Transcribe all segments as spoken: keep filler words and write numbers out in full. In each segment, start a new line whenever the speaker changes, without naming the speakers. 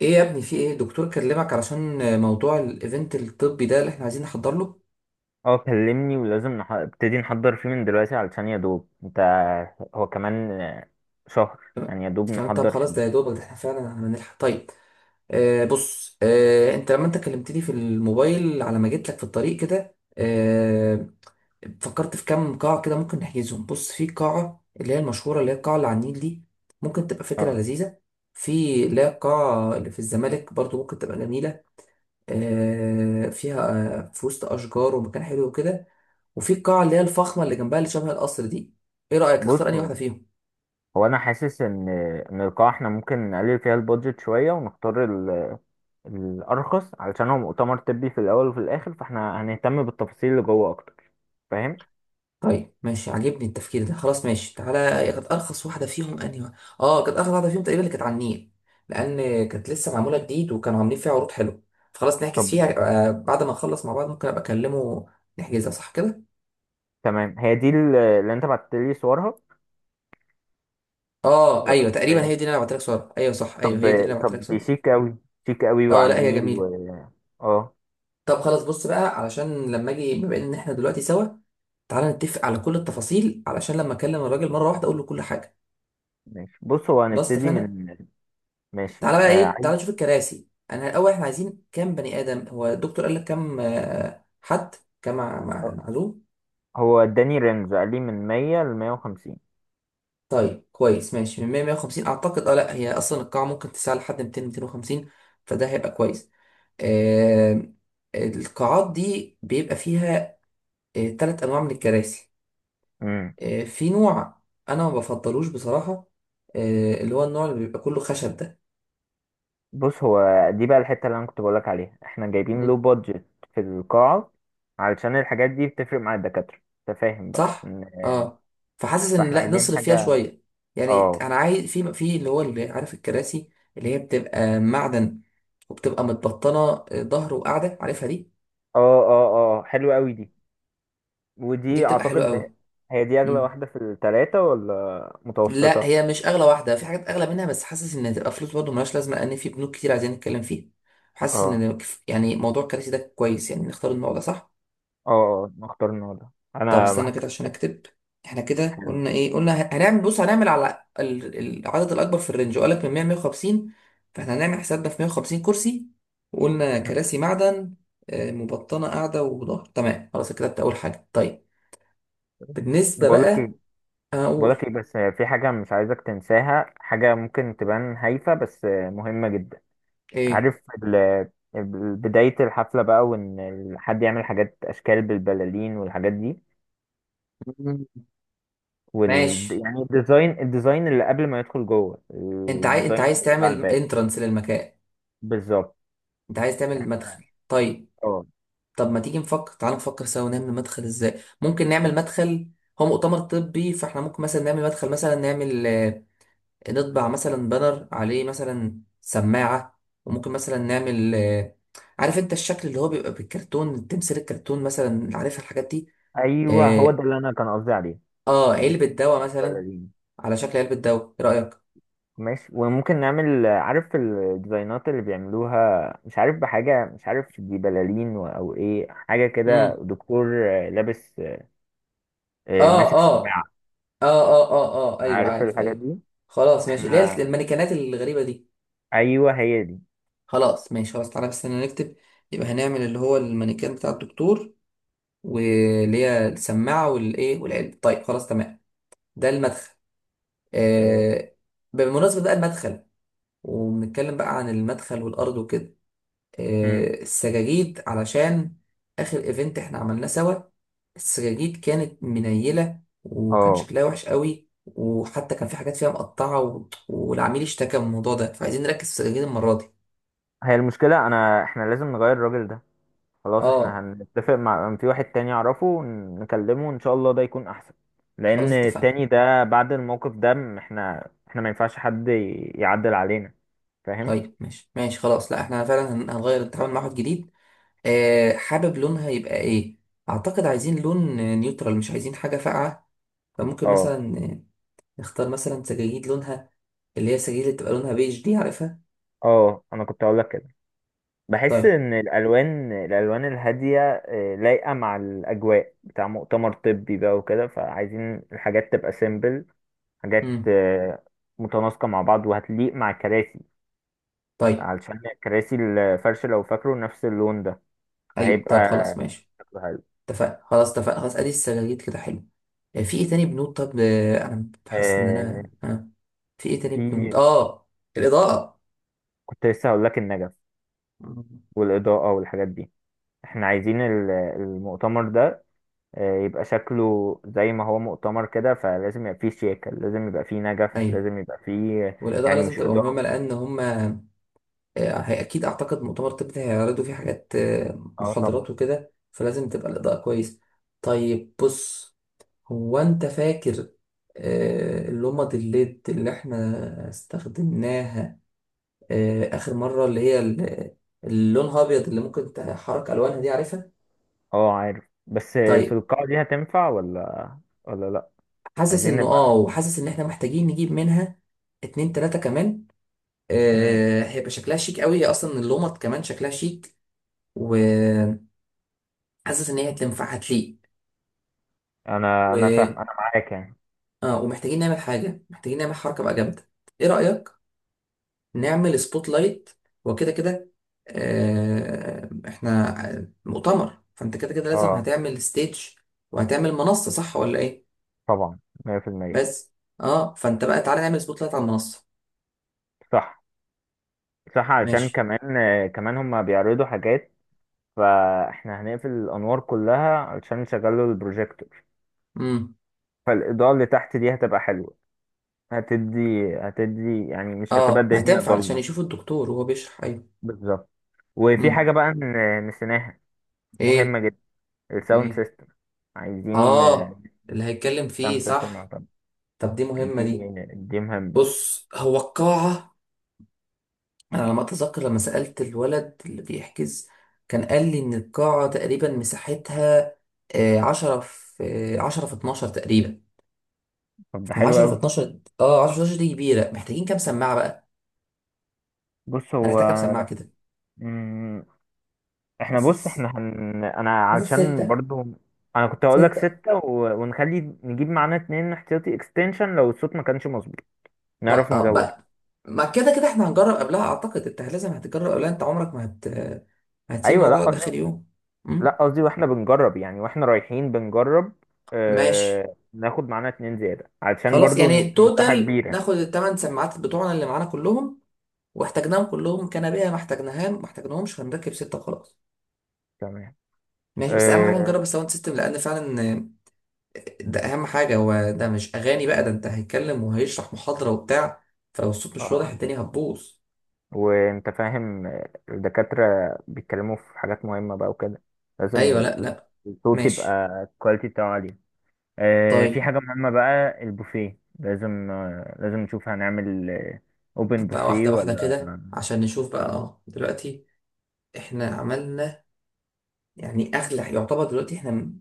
ايه يا ابني؟ في ايه؟ دكتور كلمك علشان موضوع الايفنت الطبي ده اللي احنا عايزين نحضر له.
اه كلمني ولازم نح- ابتدي نحضر فيه من دلوقتي علشان يا دوب انت هو كمان شهر.
تمام.
يعني يا دوب
كمان، طب
نحضر
خلاص، ده
فيه.
يا دوبك ده احنا فعلا هنلحق. طيب. آه بص، آه انت لما انت كلمتني في الموبايل على ما جيت لك في الطريق كده آه فكرت في كام قاعة كده ممكن نحجزهم. بص، في قاعة اللي هي المشهورة، اللي هي القاعة اللي على النيل دي. ممكن تبقى فكرة
اه
لذيذة. في اللي هي القاعة اللي في الزمالك برضو، ممكن تبقى جميلة. آه، فيها آه، في وسط اشجار ومكان حلو وكده. وفي القاعه اللي هي الفخمه اللي جنبها اللي شبه القصر دي. ايه رايك؟
بص،
اختار انهي
هو
واحده فيهم.
هو انا حاسس ان ان القاعة احنا ممكن نقلل فيها البادجت شوية ونختار ال- الارخص، علشان هو مؤتمر طبي في الاول وفي الاخر، فاحنا هنهتم بالتفاصيل اللي جوه اكتر. فاهم؟
طيب ماشي، عاجبني التفكير ده، خلاص ماشي. تعالى، كانت ارخص واحده فيهم انهي واحدة؟ اه، كانت ارخص واحده فيهم تقريبا اللي كانت على النيل. لان كانت لسه معموله جديد وكانوا عاملين فيها عروض حلوه. فخلاص نحجز
طب
فيها. آه، بعد ما نخلص مع بعض ممكن ابقى اكلمه. نحجزها صح كده؟
تمام، هي دي ال- اللي انت بعت لي صورها،
اه
ولا
ايوه،
مش
تقريبا هي
هي؟
دي اللي انا بعت لك صور، ايوه صح، ايوه
طب.
هي دي اللي انا بعت لك
طب دي
صور.
شيك قوي، شيك قوي
اه
وعلى
لا، هي
النيل و
جميله.
اه
طب خلاص، بص بقى، علشان لما اجي بما ان احنا دلوقتي سوا، تعالى نتفق على كل التفاصيل علشان لما اكلم الراجل مره واحده اقول له كل حاجه.
ماشي. بص، هو
خلاص
هنبتدي
اتفقنا.
من ماشي،
تعالى بقى،
آه
ايه،
عايز.
تعالى نشوف الكراسي. انا الاول، احنا عايزين كام بني ادم؟ هو الدكتور قال لك كام؟ آه، حد كام مع- مع- معلوم؟
هو اداني رينج، قال لي من مية ل مية وخمسين.
طيب كويس، ماشي، من مية مية وخمسين اعتقد. اه لا، هي اصلا القاعه ممكن تسع لحد ميتين ميتين وخمسين، فده هيبقى كويس. آه القاعات دي بيبقى فيها ثلاث انواع من الكراسي.
امم
آه، في نوع انا ما بفضلوش بصراحة، آه، اللي هو النوع اللي بيبقى كله خشب ده.
بص، هو دي بقى الحته اللي انا كنت بقولك عليها، احنا جايبين لو
مم.
بادجت في القاعه، علشان الحاجات دي بتفرق مع الدكاتره. انت فاهم بقى إن-
صح. اه. فحاسس ان،
فاحنا
لا،
عايزين
نصرف فيها
حاجه.
شوية. يعني
اه،
انا عايز في في اللي هو، اللي عارف، الكراسي اللي هي بتبقى معدن، وبتبقى متبطنة، آه، ظهر وقاعدة، عارفها دي.
اه، اه، اه، حلوه قوي دي.
دي
ودي
بتبقى حلوة
اعتقد ده-
قوي.
هي دي اغلى
مم.
واحده في الثلاثه ولا
لا،
متوسطه؟
هي مش اغلى واحدة، في حاجات اغلى منها، بس حاسس ان هتبقى فلوس برضه ملهاش لازمة، لان في بنوك كتير عايزين نتكلم فيها. حاسس
اه،
ان، يعني موضوع الكراسي ده كويس، يعني نختار النوع ده صح.
اه، اه، نختار النهارده.
طب
انا ما
استنى كده عشان
هكلمك،
اكتب. احنا كده
حلو.
قلنا ايه؟ قلنا ه- هنعمل، بص هنعمل على ال-، العدد الاكبر في الرينج، وقالك من مية مية وخمسين. فاحنا هنعمل حسابنا في مية وخمسين كرسي، وقلنا كراسي معدن، آه، مبطنه قاعده وظهر، تمام خلاص كتبت اول حاجه. طيب، بالنسبه
بقولك
بقى هقول
بقولك ايه، بس في حاجة مش عايزك تنساها، حاجة ممكن تبان هايفة بس مهمة جدا.
ايه.
عارف ال- ال- بداية الحفلة بقى، وان حد يعمل حاجات اشكال بالبلالين والحاجات دي،
مم.
وال
ماشي.
يعني الديزاين الديزاين اللي قبل ما يدخل جوه،
انت عايز انت
الديزاين
عايز
اللي بيبقى على
تعمل
الباب.
انترنس للمكان؟
بالظبط.
انت عايز تعمل مدخل، طيب.
اه،
طب ما تيجي نفكر، تعال نفكر سوا نعمل مدخل ازاي. ممكن نعمل مدخل، هو مؤتمر طبي، فاحنا ممكن مثلا نعمل مدخل، مثلا نعمل آه، نطبع مثلا بانر عليه مثلا سماعة، وممكن مثلا نعمل آه، عارف انت الشكل اللي هو بيبقى بالكرتون، تمثال الكرتون مثلا، عارف الحاجات دي.
ايوه، هو
اه.
ده اللي انا كان قصدي عليه.
آه،
مش
علبة دواء مثلا،
البلالين.
على شكل علبة دواء. ايه رأيك؟
ماشي، وممكن نعمل، عارف الديزاينات اللي بيعملوها؟ مش عارف بحاجة، مش عارف دي بلالين و- أو إيه، حاجة كده،
امم
دكتور لابس آه،
اه،
ماسك
اه،
سماعة،
اه، اه، اه، اه، ايوه،
عارف
عارف،
الحاجات
ايوه.
دي.
خلاص ماشي، اللي
احنا
هي المانيكانات الغريبة دي.
أيوه، هي دي.
خلاص ماشي، خلاص تعالى بس انا نكتب. يبقى هنعمل اللي هو المانيكان بتاع الدكتور، واللي هي السماعة والايه والعلم. طيب خلاص تمام، ده المدخل.
اه.
آه بالمناسبة بقى، المدخل، وبنتكلم بقى عن المدخل والأرض وكده.
مم.
آه السجاجيد، علشان آخر ايفنت احنا عملناه سوا السجاجيد كانت منيلة، وكان
آه.
شكلها وحش قوي، وحتى كان في حاجات فيها مقطعة و... والعميل اشتكى من الموضوع ده، فعايزين نركز في السجاجيد المرة دي.
هي المشكلة، أنا احنا لازم نغير الراجل ده. خلاص، احنا
اه،
هنتفق مع في واحد تاني أعرفه، نكلمه إن شاء الله ده يكون أحسن.
خلاص
لأن
اتفقنا.
التاني ده بعد الموقف ده م- احنا احنا ما ينفعش حد ي- يعدل علينا. فاهم؟
طيب ماشي ماشي خلاص، لا احنا فعلا هن- هنغير نتعامل مع واحد جديد. آه حابب لونها يبقى ايه؟ اعتقد عايزين لون آه، نيوترال، مش عايزين حاجة فاقعة. فممكن
اه،
مثلا آه، نختار مثلا سجاجيد لونها اللي هي السجاجيد اللي بتبقى لونها بيج دي، عارفها.
اه، انا كنت هقول لك كده. بحس
طيب.
ان الالوان الالوان الهاديه آه، لايقه مع الاجواء بتاع مؤتمر طبي بقى وكده، فعايزين الحاجات تبقى سيمبل، حاجات
امم.
آه، متناسقه مع بعض، وهتليق مع الكراسي،
طيب.
علشان كراسي الفرش لو فاكره نفس اللون ده،
ايوه طيب
فهيبقى
خلاص ماشي.
شكله حلو.
اتفقنا خلاص، اتفقنا خلاص، ادي السجاجيد كده حلو. آه في ايه تاني بنود؟ طب آه انا حاسس ان
آه،
انا آه في ايه تاني بنود؟
في.
اه، الاضاءة.
كنت لسه هقول لك النجف
مم.
والاضاءه والحاجات دي. احنا عايزين ال- المؤتمر ده آه، يبقى شكله زي ما هو مؤتمر كده، فلازم يبقى فيه شياكة، لازم يبقى فيه نجف،
ايوه،
لازم يبقى فيه
والاضاءه
يعني،
لازم
مش
تبقى مهمه
إضاءة.
لان هما، آه، هي اكيد اعتقد مؤتمر طب ده هيعرضوا فيه حاجات، آه،
اه طبعا.
محاضرات وكده، فلازم تبقى الاضاءه كويس. طيب بص، هو انت فاكر آه، اللمض الليد اللي احنا استخدمناها آه، اخر مره، اللي هي ال-، اللونها ابيض، اللي ممكن تحرك الوانها دي، عارفها؟
اه عارف، بس آه، في
طيب.
القاعة دي هتنفع ولا ولا لأ.
حاسس
عايزين
انه اه،
نبقى.
وحاسس ان احنا محتاجين نجيب منها اتنين تلاته كمان.
مم.
آه، هيبقى شكلها شيك قوي. هي اصلا اللمض كمان شكلها شيك، وحاسس ان هي هتنفع هتليق.
أنا أنا فاهم، أنا معاك يعني.
اه، ومحتاجين نعمل حاجة، محتاجين نعمل حركة بقى جامدة. ايه رأيك نعمل سبوت لايت وكده كده. آه احنا مؤتمر، فانت كده كده لازم
اه
هتعمل ستيج وهتعمل منصة، صح ولا ايه؟
طبعا. مية بالمية.
بس اه، فانت بقى تعالى نعمل سبوت لايت على المنصة.
صح، صح، علشان
ماشي.
كمان آه، كمان هما بيعرضوا حاجات، فاحنا هنقفل الأنوار كلها علشان نشغلوا البروجيكتور.
امم.
فالإضاءة اللي تحت دي هتبقى حلوة، هتدي هتدي يعني مش هتبقى
اه،
الدنيا
وهتنفع علشان
ضلمة.
يشوف الدكتور وهو بيشرح، ايوه.
بالظبط. وفي حاجة
امم.
بقى ن- نسيناها، مهمة
ايه؟
جدا، الساوند
ايه؟
سيستم. عايزين
اه، اللي هيتكلم فيه
ساوند سيستم
صح.
معتمد.
طب دي مهمة
دي
دي.
دي مهمة.
بص، هو القاعة انا على ما اتذكر لما سألت الولد اللي بيحجز كان قال لي ان القاعة تقريبا مساحتها آه، عشرة في آه، عشرة في اتناشر تقريبا.
طب ده حلو
فعشرة في
أوي.
اتناشر، اه، عشرة في اتناشر دي كبيرة، محتاجين كام سماعة بقى.
بص، هو.
هنحتاج كام سماعة كده؟
مم، احنا بص
حاسس،
احنا هن، انا
حاسس
علشان
ستة.
برضو، انا كنت هقول لك
ستة،
ستة و، ونخلي نجيب معانا اتنين احتياطي اكستنشن لو الصوت ما كانش مظبوط
اه
نعرف
اه
نزوده.
بقى، ما كده كده احنا هنجرب قبلها، اعتقد انت لازم هتجرب قبلها، انت عمرك ما هت هتسيب
ايوه، لا
الموضوع ده
قصدي،
اخر يوم. مم؟
لا قصدي واحنا بنجرب يعني، واحنا رايحين بنجرب
ماشي.
اه... ناخد معانا اتنين زيادة علشان
خلاص،
برضو
يعني
مساحة
توتال
كبيرة.
ناخد الثمان سماعات بتوعنا اللي معانا كلهم. واحتاجناهم كلهم كنبيه، ما احتاجناهم ما احتاجناهمش هنركب سته وخلاص.
تمام.
ماشي، بس اهم حاجه
آه،
نجرب الساوند سيستم، لان فعلا آه، ده اهم حاجه، هو ده مش اغاني بقى، ده انت هيتكلم وهيشرح محاضره وبتاع، فلو الصوت مش واضح
آه،
الدنيا هتبوظ.
وانت فاهم آه، الدكاترة بيتكلموا في حاجات مهمة بقى وكده، لازم
ايوه
ي-
لا لا.
الصوت
ماشي.
يبقى الكواليتي بتاعه عالية. آه، في
طيب،
حاجة مهمة بقى، البوفيه، لازم آه، لازم نشوف هنعمل اوبن
طب بقى
بوفيه
واحده واحده
ولا.
كده عشان نشوف بقى، اه، دلوقتي احنا عملنا، يعني اغلى يعتبر دلوقتي احنا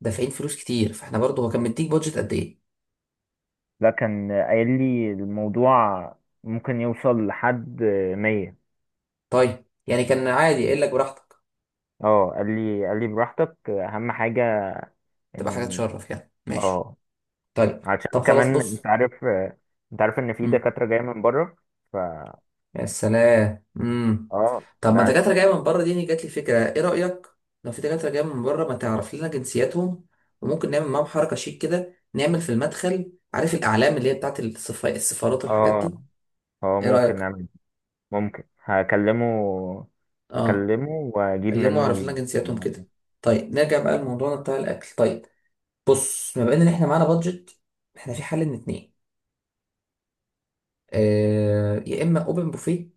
دافعين فلوس كتير، فاحنا برضه، هو كان مديك بادجت قد ايه؟
لا، كان قايل لي الموضوع ممكن يوصل لحد مية.
طيب، يعني كان عادي قايل لك براحتك،
اه، قال لي قال لي براحتك أهم حاجة
تبقى حاجه
إن،
تشرف يعني، ماشي.
اه،
طيب.
عشان
طب خلاص
كمان انت
بص.
عارف آه، انت عارف ان في
مم.
دكاترة جاية من بره، ف
يا سلام. مم.
اه
طب ما
ده.
دكاترة جاية من بره دي، يعني جات لي فكرة. ايه رأيك؟ لو في دكاترة جاية من بره، ما تعرف لنا جنسياتهم، وممكن نعمل معاهم حركة شيك كده، نعمل في المدخل عارف الأعلام اللي هي بتاعت السفا- السفارات والحاجات دي.
اه، اه،
ايه
ممكن
رأيك؟
نعمل ممكن هكلمه
اه،
هكلمه واجيب
كلموا
منه
واعرف لنا
ال-
جنسياتهم
الحاجات دي.
كده. طيب نرجع بقى لموضوعنا بتاع الأكل. طيب، بص، ما ان احنا معانا بادجت، احنا في حل من اتنين. آه يا اما اوبن بوفيه،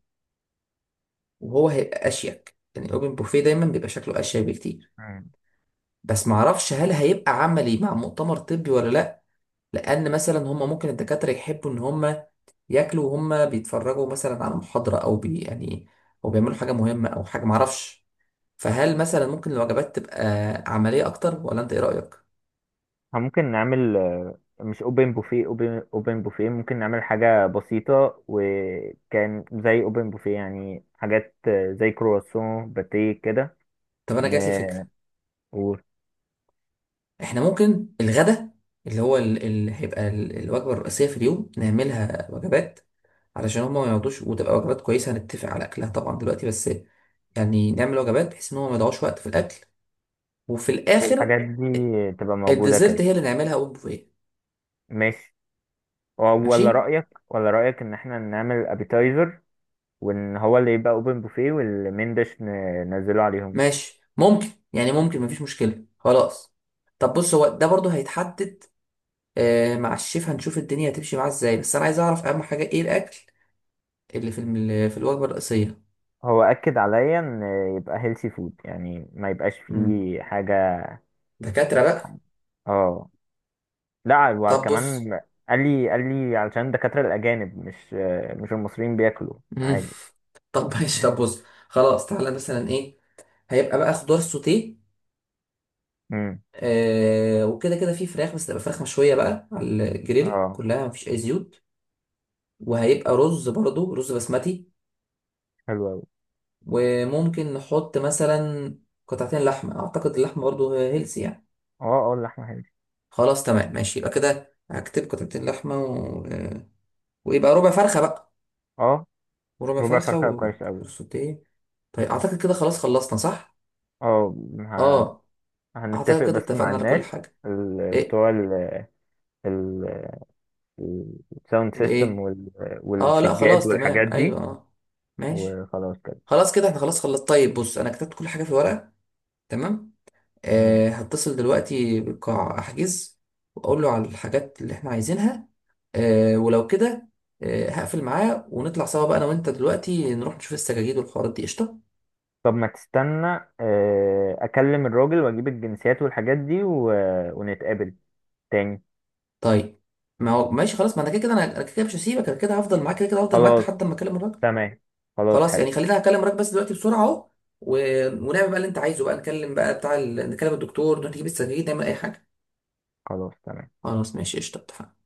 وهو هيبقى اشيك، يعني اوبن بوفيه دايما بيبقى شكله اشيك بكتير.
مم.
بس معرفش هل هيبقى عملي مع مؤتمر طبي ولا لا، لان مثلا هم ممكن الدكاتره يحبوا ان هم ياكلوا وهم بيتفرجوا مثلا على محاضره، او بي يعني، او بيعملوا حاجه مهمه، او حاجه معرفش. فهل مثلا ممكن الوجبات تبقى عمليه اكتر، ولا انت ايه رايك؟
آه، ممكن نعمل آه، مش اوبن بوفيه، اوبن اوبن بوفيه ممكن نعمل حاجة بسيطة، وكان زي اوبن بوفيه يعني، حاجات آه، زي كرواسون باتيه كده.
طب انا جات لي
ن-
فكره،
و-
احنا ممكن الغدا اللي هو ال-، اللي هيبقى ال-، الوجبه الرئيسيه في اليوم نعملها وجبات، علشان هم ما يقعدوش، وتبقى وجبات كويسه هنتفق على اكلها طبعا دلوقتي. بس يعني نعمل وجبات بحيث ان هم ما يضيعوش وقت في الاكل، وفي الاخر
والحاجات دي تبقى موجودة
الديزرت
كده.
هي اللي نعملها اون بوفيه.
ماشي. ولا
ماشي.
رأيك، ولا رأيك إن إحنا نعمل أبيتايزر، وإن هو اللي يبقى أوبن بوفيه، والمين ديش ننزله عليهم.
ماشي ممكن، يعني ممكن، مفيش مشكله خلاص. طب بص، هو ده برضو هيتحدد آه مع الشيف، هنشوف الدنيا هتمشي معاه ازاي، بس انا عايز اعرف اهم حاجه ايه الاكل اللي في الم- في الوجبه الرئيسيه.
هو أكد عليا إن يبقى هيلسي فود، يعني ما يبقاش
امم.
فيه حاجة.
دكاتره بقى.
اه. لا
طب بص.
وكمان، قال لي قال لي علشان الدكاترة الأجانب مش مش المصريين بياكلوا
امم.
عادي.
طب ماشي، طب بص، خلاص تعالى مثلا ايه. هيبقى بقى خضار سوتيه،
امم.
آه وكده كده في فراخ، بس تبقى فراخ مشويه بقى على الجريل
اه
كلها، مفيش اي زيوت. وهيبقى رز، برضو رز بسمتي.
حلو أوي.
وممكن نحط مثلا قطعتين لحمة، أعتقد اللحمة برضو هيلسي يعني.
اه، اه، اللحمة حلوة.
خلاص تمام ماشي، يبقى كده هكتب قطعتين لحمة و... ويبقى ربع فرخة بقى،
اه،
وربع
ربع
فرخة،
فرخة كويس أوي.
وسوتيه. طيب أعتقد كده خلاص خلصنا، صح؟
اه، ه-
اه. أعتقد
هنتفق
كده
بس مع
اتفقنا على
الناس،
كل حاجة.
ال-
إيه؟
بتوع ال- الساوند سيستم
لإيه؟
وال...
اه لا،
والسجاد
خلاص تمام،
والحاجات دي،
أيوه اه. ماشي.
وخلاص كده.
خلاص كده احنا خلاص خلصت. طيب بص، أنا كتبت كل حاجة في ورقة. تمام،
مم.
آه، هتصل دلوقتي بالقاع احجز، واقول له على الحاجات اللي احنا عايزينها، آه، ولو كده آه، هقفل معاه، ونطلع سوا بقى انا وانت دلوقتي نروح نشوف السجاجيد والحوارات دي، قشطه.
طب ما تستنى، آه، اكلم الراجل واجيب الجنسيات والحاجات دي و... ونتقابل تاني.
طيب، ما هو ماشي خلاص، ما انا كده كده، انا أنا كده كده مش هسيبك، انا كده هفضل معاك كده كده، هفضل معاك
خلاص
لحد ما اكلم الراجل.
تمام. خلاص
خلاص
حلو.
يعني خلينا اكلم الراجل بس دلوقتي بسرعه اهو، و... ونعمل بقى اللي انت عايزه بقى، نكلم بقى بتاع ال... نكلم الدكتور، نروح نجيب السجاجيد نعمل اي حاجه.
خلاص تمام.
خلاص ماشي، قشطه، اتفقنا.